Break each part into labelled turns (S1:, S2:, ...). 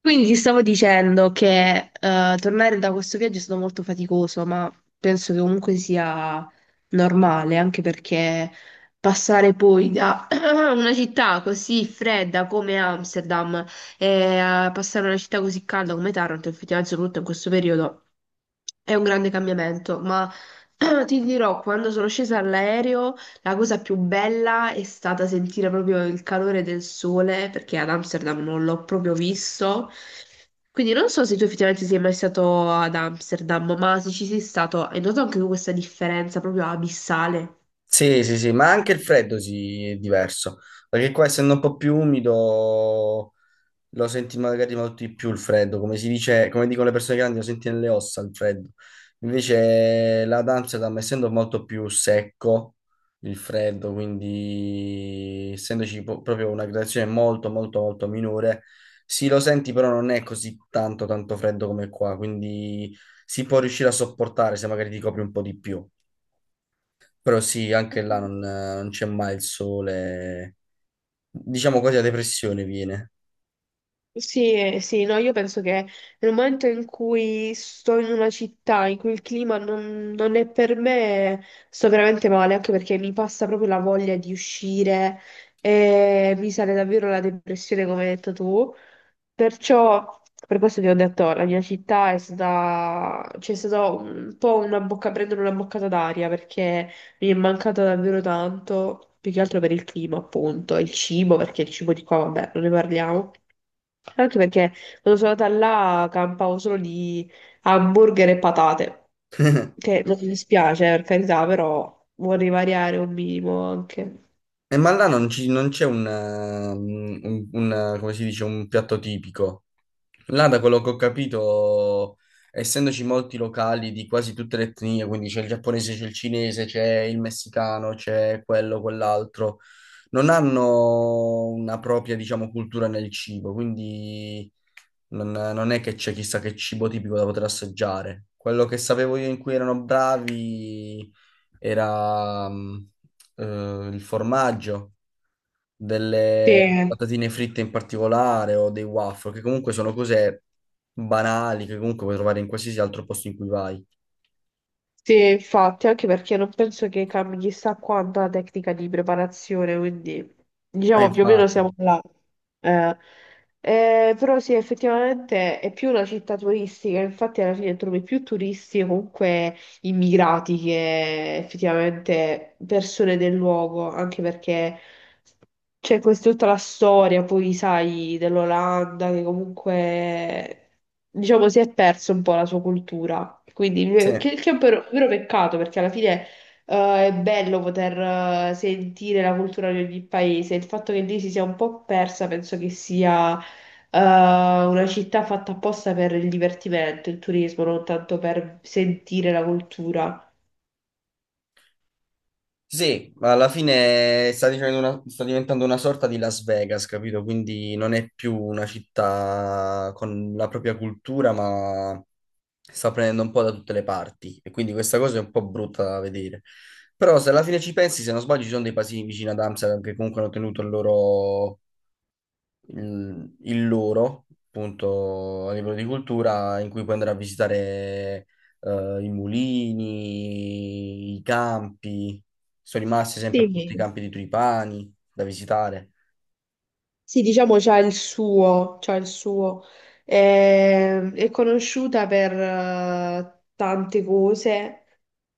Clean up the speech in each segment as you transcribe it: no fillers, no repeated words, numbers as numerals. S1: Quindi ti stavo dicendo che tornare da questo viaggio è stato molto faticoso, ma penso che comunque sia normale, anche perché passare poi da una città così fredda come Amsterdam e a passare a una città così calda come Taranto, effettivamente, soprattutto in questo periodo. È un grande cambiamento, ma ti dirò, quando sono scesa all'aereo, la cosa più bella è stata sentire proprio il calore del sole, perché ad Amsterdam non l'ho proprio visto. Quindi non so se tu effettivamente sei mai stato ad Amsterdam, ma se ci sei stato, hai notato anche tu questa differenza proprio abissale?
S2: Sì, sì, sì, ma anche il freddo si è diverso, perché qua essendo un po' più umido lo senti magari molto di più il freddo, come si dice, come dicono le persone grandi, lo senti nelle ossa il freddo. Invece la Amsterdam, essendo molto più secco il freddo, quindi essendoci proprio una gradazione molto, molto, molto minore, sì, lo senti, però non è così tanto, tanto freddo come qua, quindi si può riuscire a sopportare se magari ti copri un po' di più. Però sì, anche là non c'è mai il sole. Diciamo quasi la depressione viene.
S1: Sì, sì, no, io penso che nel momento in cui sto in una città in cui il clima non è per me, sto veramente male, anche perché mi passa proprio la voglia di uscire e mi sale davvero la depressione, come hai detto tu. Perciò, per questo ti ho detto, la mia città c'è stata un po' prendere una boccata d'aria perché mi è mancata davvero tanto, più che altro per il clima, appunto, e il cibo, perché il cibo di qua, vabbè, non ne parliamo. Anche perché quando sono andata là campavo solo di hamburger e patate, che non mi dispiace per carità, però vorrei variare un minimo anche.
S2: Ma là non c'è come si dice, un piatto tipico. Là, da quello che ho capito, essendoci molti locali di quasi tutte le etnie, quindi c'è il giapponese, c'è il cinese, c'è il messicano, c'è quello, quell'altro. Non hanno una propria, diciamo, cultura nel cibo, quindi non è che c'è chissà che cibo tipico da poter assaggiare. Quello che sapevo io in cui erano bravi era il formaggio, delle
S1: Sì.
S2: patatine fritte in particolare o dei waffle, che comunque sono cose banali che comunque puoi trovare in qualsiasi altro posto in cui vai.
S1: Sì, infatti, anche perché non penso che cambi chissà quanto la tecnica di preparazione, quindi
S2: Ah,
S1: diciamo più o meno
S2: infatti,
S1: siamo là. Eh, però sì, effettivamente è più una città turistica, infatti alla fine trovi più turisti o comunque immigrati che effettivamente persone del luogo, anche perché c'è questa tutta la storia, poi sai, dell'Olanda che comunque, diciamo, si è perso un po' la sua cultura. Quindi,
S2: sì.
S1: che è un vero peccato perché alla fine è bello poter sentire la cultura di ogni paese. Il fatto che lì si sia un po' persa, penso che sia una città fatta apposta per il divertimento, il turismo, non tanto per sentire la cultura.
S2: Sì, ma alla fine sta dicendo sta diventando una sorta di Las Vegas, capito? Quindi non è più una città con la propria cultura, ma sta prendendo un po' da tutte le parti. E quindi questa cosa è un po' brutta da vedere. Però se alla fine ci pensi, se non sbaglio, ci sono dei paesini vicino ad Amsterdam che comunque hanno tenuto il loro, appunto, a livello di cultura, in cui puoi andare a visitare i mulini, i campi. Sono rimasti sempre appunto i
S1: Sì,
S2: campi di Tripani da visitare.
S1: sì, diciamo c'ha il suo, c'ha il suo. È conosciuta per tante cose,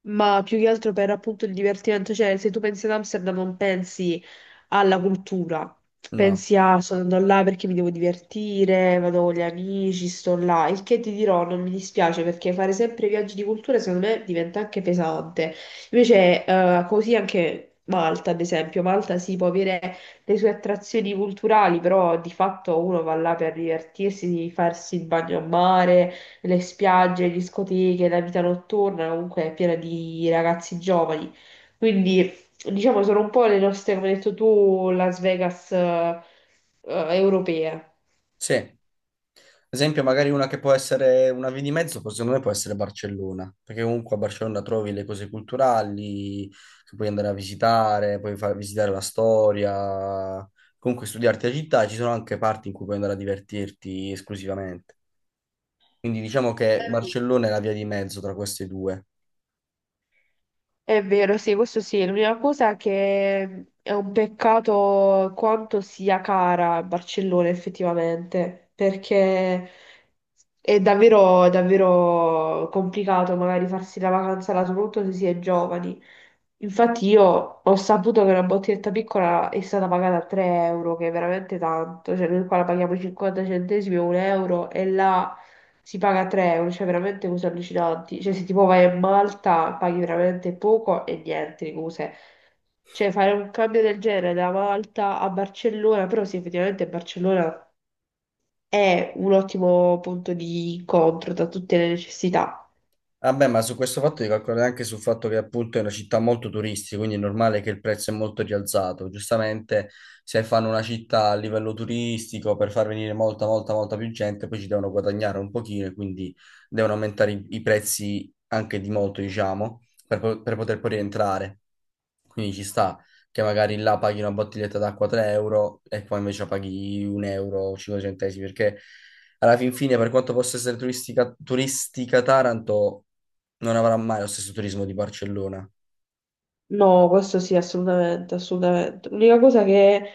S1: ma più che altro per appunto il divertimento. Cioè, se tu pensi ad Amsterdam non pensi alla cultura,
S2: No,
S1: pensi a sono andato là perché mi devo divertire, vado con gli amici, sto là. Il che ti dirò, non mi dispiace perché fare sempre viaggi di cultura secondo me diventa anche pesante. Invece, così anche Malta, ad esempio, Malta si può avere le sue attrazioni culturali, però di fatto uno va là per divertirsi, di farsi il bagno a mare, le spiagge, le discoteche, la vita notturna, comunque è piena di ragazzi giovani. Quindi, diciamo, sono un po' le nostre, come hai detto tu, Las Vegas, europee.
S2: sì. Esempio, magari una che può essere una via di mezzo, poi secondo me può essere Barcellona, perché comunque a Barcellona trovi le cose culturali che puoi andare a visitare, puoi far visitare la storia, comunque studiarti la città, ci sono anche parti in cui puoi andare a divertirti esclusivamente. Quindi diciamo che Barcellona è la via di mezzo tra queste due.
S1: È vero, sì, questo sì. L'unica cosa è che è un peccato quanto sia cara Barcellona effettivamente, perché è davvero complicato magari farsi la vacanza là, soprattutto se si è giovani. Infatti io ho saputo che una bottiglietta piccola è stata pagata a 3 euro, che è veramente tanto, cioè noi qua la paghiamo 50 centesimi o un euro e là si paga 3 euro, cioè veramente cose allucinanti. Cioè, se tipo vai a Malta, paghi veramente poco e niente di cose. Cioè, fare un cambio del genere da Malta a Barcellona, però sì, effettivamente Barcellona è un ottimo punto di incontro da tutte le necessità.
S2: Vabbè, ma su questo fatto devi calcolare anche sul fatto che appunto è una città molto turistica, quindi è normale che il prezzo è molto rialzato. Giustamente, se fanno una città a livello turistico per far venire molta, molta, molta più gente, poi ci devono guadagnare un pochino e quindi devono aumentare i prezzi anche di molto, diciamo, per poter poi rientrare. Quindi ci sta che magari là paghi una bottiglietta d'acqua 3 euro e qua invece la paghi 1 euro o 5 centesimi, perché alla fin fine, per quanto possa essere turistica, turistica Taranto non avrà mai lo stesso turismo di Barcellona.
S1: No, questo sì, assolutamente, assolutamente. L'unica cosa che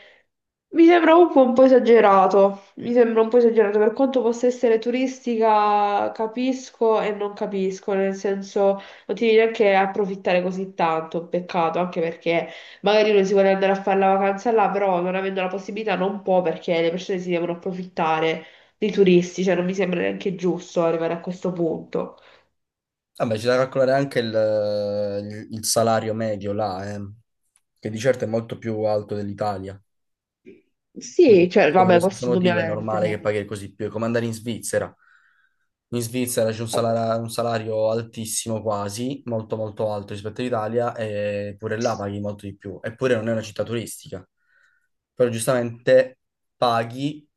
S1: mi sembra un po' esagerato, per quanto possa essere turistica, capisco e non capisco, nel senso non ti devi neanche approfittare così tanto, peccato, anche perché magari uno si vuole andare a fare la vacanza là, però non avendo la possibilità non può perché le persone si devono approfittare dei turisti, cioè non mi sembra neanche giusto arrivare a questo punto.
S2: Vabbè, c'è da calcolare anche il salario medio là, che di certo è molto più alto dell'Italia.
S1: Sì,
S2: Quindi,
S1: cioè,
S2: per lo
S1: vabbè,
S2: stesso
S1: questo
S2: motivo, è normale che
S1: indubbiamente.
S2: paghi così più. È come andare in Svizzera. In Svizzera c'è un salario, altissimo quasi, molto molto alto rispetto all'Italia, e pure là paghi molto di più. Eppure non è una città turistica. Però giustamente paghi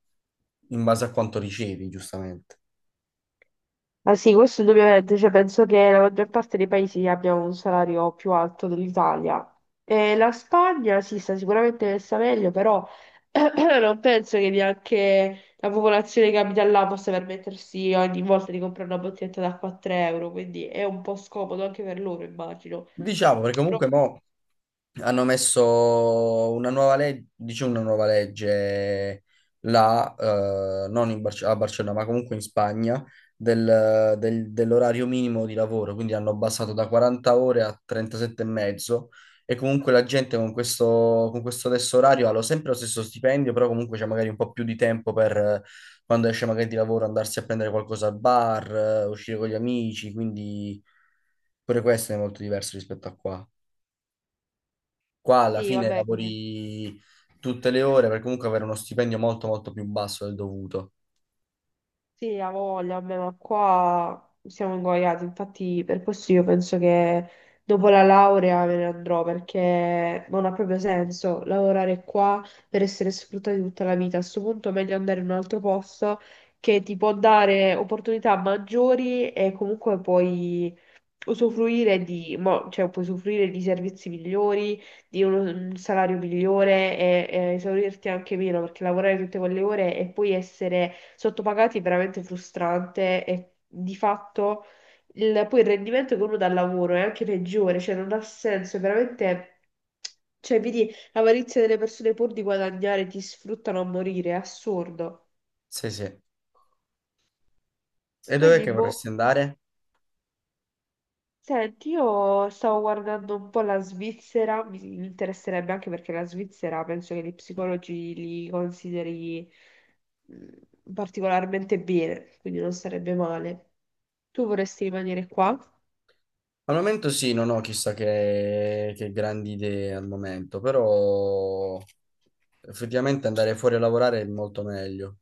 S2: in base a quanto ricevi, giustamente.
S1: Ma sì, questo indubbiamente, cioè, penso che la maggior parte dei paesi abbia un salario più alto dell'Italia. E la Spagna sì, sta sicuramente messa meglio, però non penso che neanche la popolazione che abita là possa permettersi ogni volta di comprare una bottiglietta d'acqua a 3 euro, quindi è un po' scomodo anche per loro, immagino.
S2: Diciamo, perché
S1: Però
S2: comunque mo hanno messo una nuova legge, dice una nuova legge là, non a Barcellona, ma comunque in Spagna, dell'orario minimo di lavoro, quindi hanno abbassato da 40 ore a 37 e mezzo e comunque la gente con questo, adesso orario ha sempre lo stesso stipendio, però comunque c'è magari un po' più di tempo per quando esce magari di lavoro andarsi a prendere qualcosa al bar, uscire con gli amici, quindi. Pure questo è molto diverso rispetto a qua. Qua alla
S1: sì,
S2: fine
S1: vabbè.
S2: lavori tutte le ore per comunque avere uno stipendio molto molto più basso del dovuto.
S1: Sì, ha voglia, vabbè, ma qua siamo ingoiati, infatti per questo io penso che dopo la laurea me ne andrò perché non ha proprio senso lavorare qua per essere sfruttati tutta la vita. A questo punto è meglio andare in un altro posto che ti può dare opportunità maggiori e comunque puoi usufruire di, cioè, puoi usufruire di servizi migliori di un salario migliore e esaurirti anche meno, perché lavorare tutte quelle ore e poi essere sottopagati è veramente frustrante e di fatto poi il rendimento che uno dà al lavoro è anche peggiore, cioè non ha senso, è veramente. Cioè, vedi l'avarizia delle persone pur di guadagnare ti sfruttano a morire, è assurdo.
S2: Sì, sì. E dov'è
S1: Quindi,
S2: che vorresti
S1: boh.
S2: andare?
S1: Senti, io stavo guardando un po' la Svizzera, mi interesserebbe anche perché la Svizzera penso che gli psicologi li consideri particolarmente bene, quindi non sarebbe male. Tu vorresti rimanere qua?
S2: Al momento sì, non ho chissà che grandi idee al momento, però effettivamente andare fuori a lavorare è molto meglio.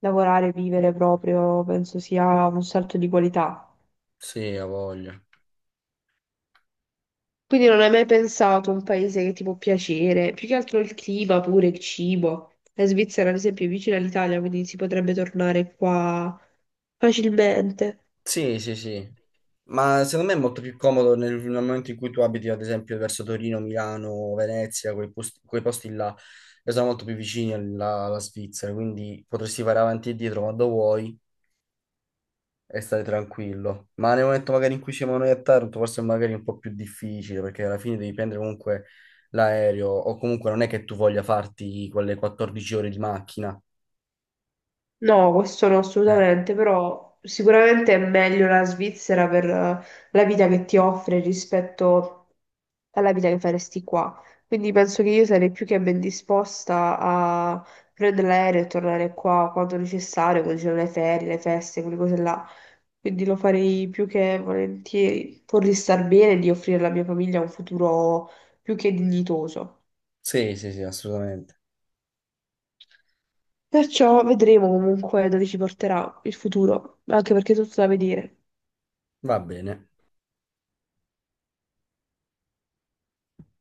S1: Lavorare, vivere proprio, penso sia un salto di qualità.
S2: Sì, ho voglia.
S1: Quindi non hai mai pensato a un paese che ti può piacere, più che altro il clima pure, il cibo. La Svizzera, ad esempio, è vicina all'Italia, quindi si potrebbe tornare qua facilmente.
S2: Sì, sì, sì. Ma secondo me è molto più comodo nel momento in cui tu abiti, ad esempio, verso Torino, Milano, Venezia, quei posti là, che sono molto più vicini alla Svizzera, quindi potresti fare avanti e dietro quando vuoi e stare tranquillo. Ma nel momento magari in cui siamo noi a Taranto, forse è magari un po' più difficile, perché alla fine devi prendere comunque l'aereo, o comunque non è che tu voglia farti quelle 14 ore di macchina.
S1: No, questo no,
S2: Eh,
S1: assolutamente, però sicuramente è meglio la Svizzera per la vita che ti offre rispetto alla vita che faresti qua. Quindi penso che io sarei più che ben disposta a prendere l'aereo e tornare qua quando necessario, quando ci sono le ferie, le feste, quelle cose là. Quindi lo farei più che volentieri, pur di star bene e di offrire alla mia famiglia un futuro più che dignitoso.
S2: Sì, sì, sì, assolutamente.
S1: Perciò vedremo comunque dove ci porterà il futuro, anche perché è tutto da vedere.
S2: Va bene.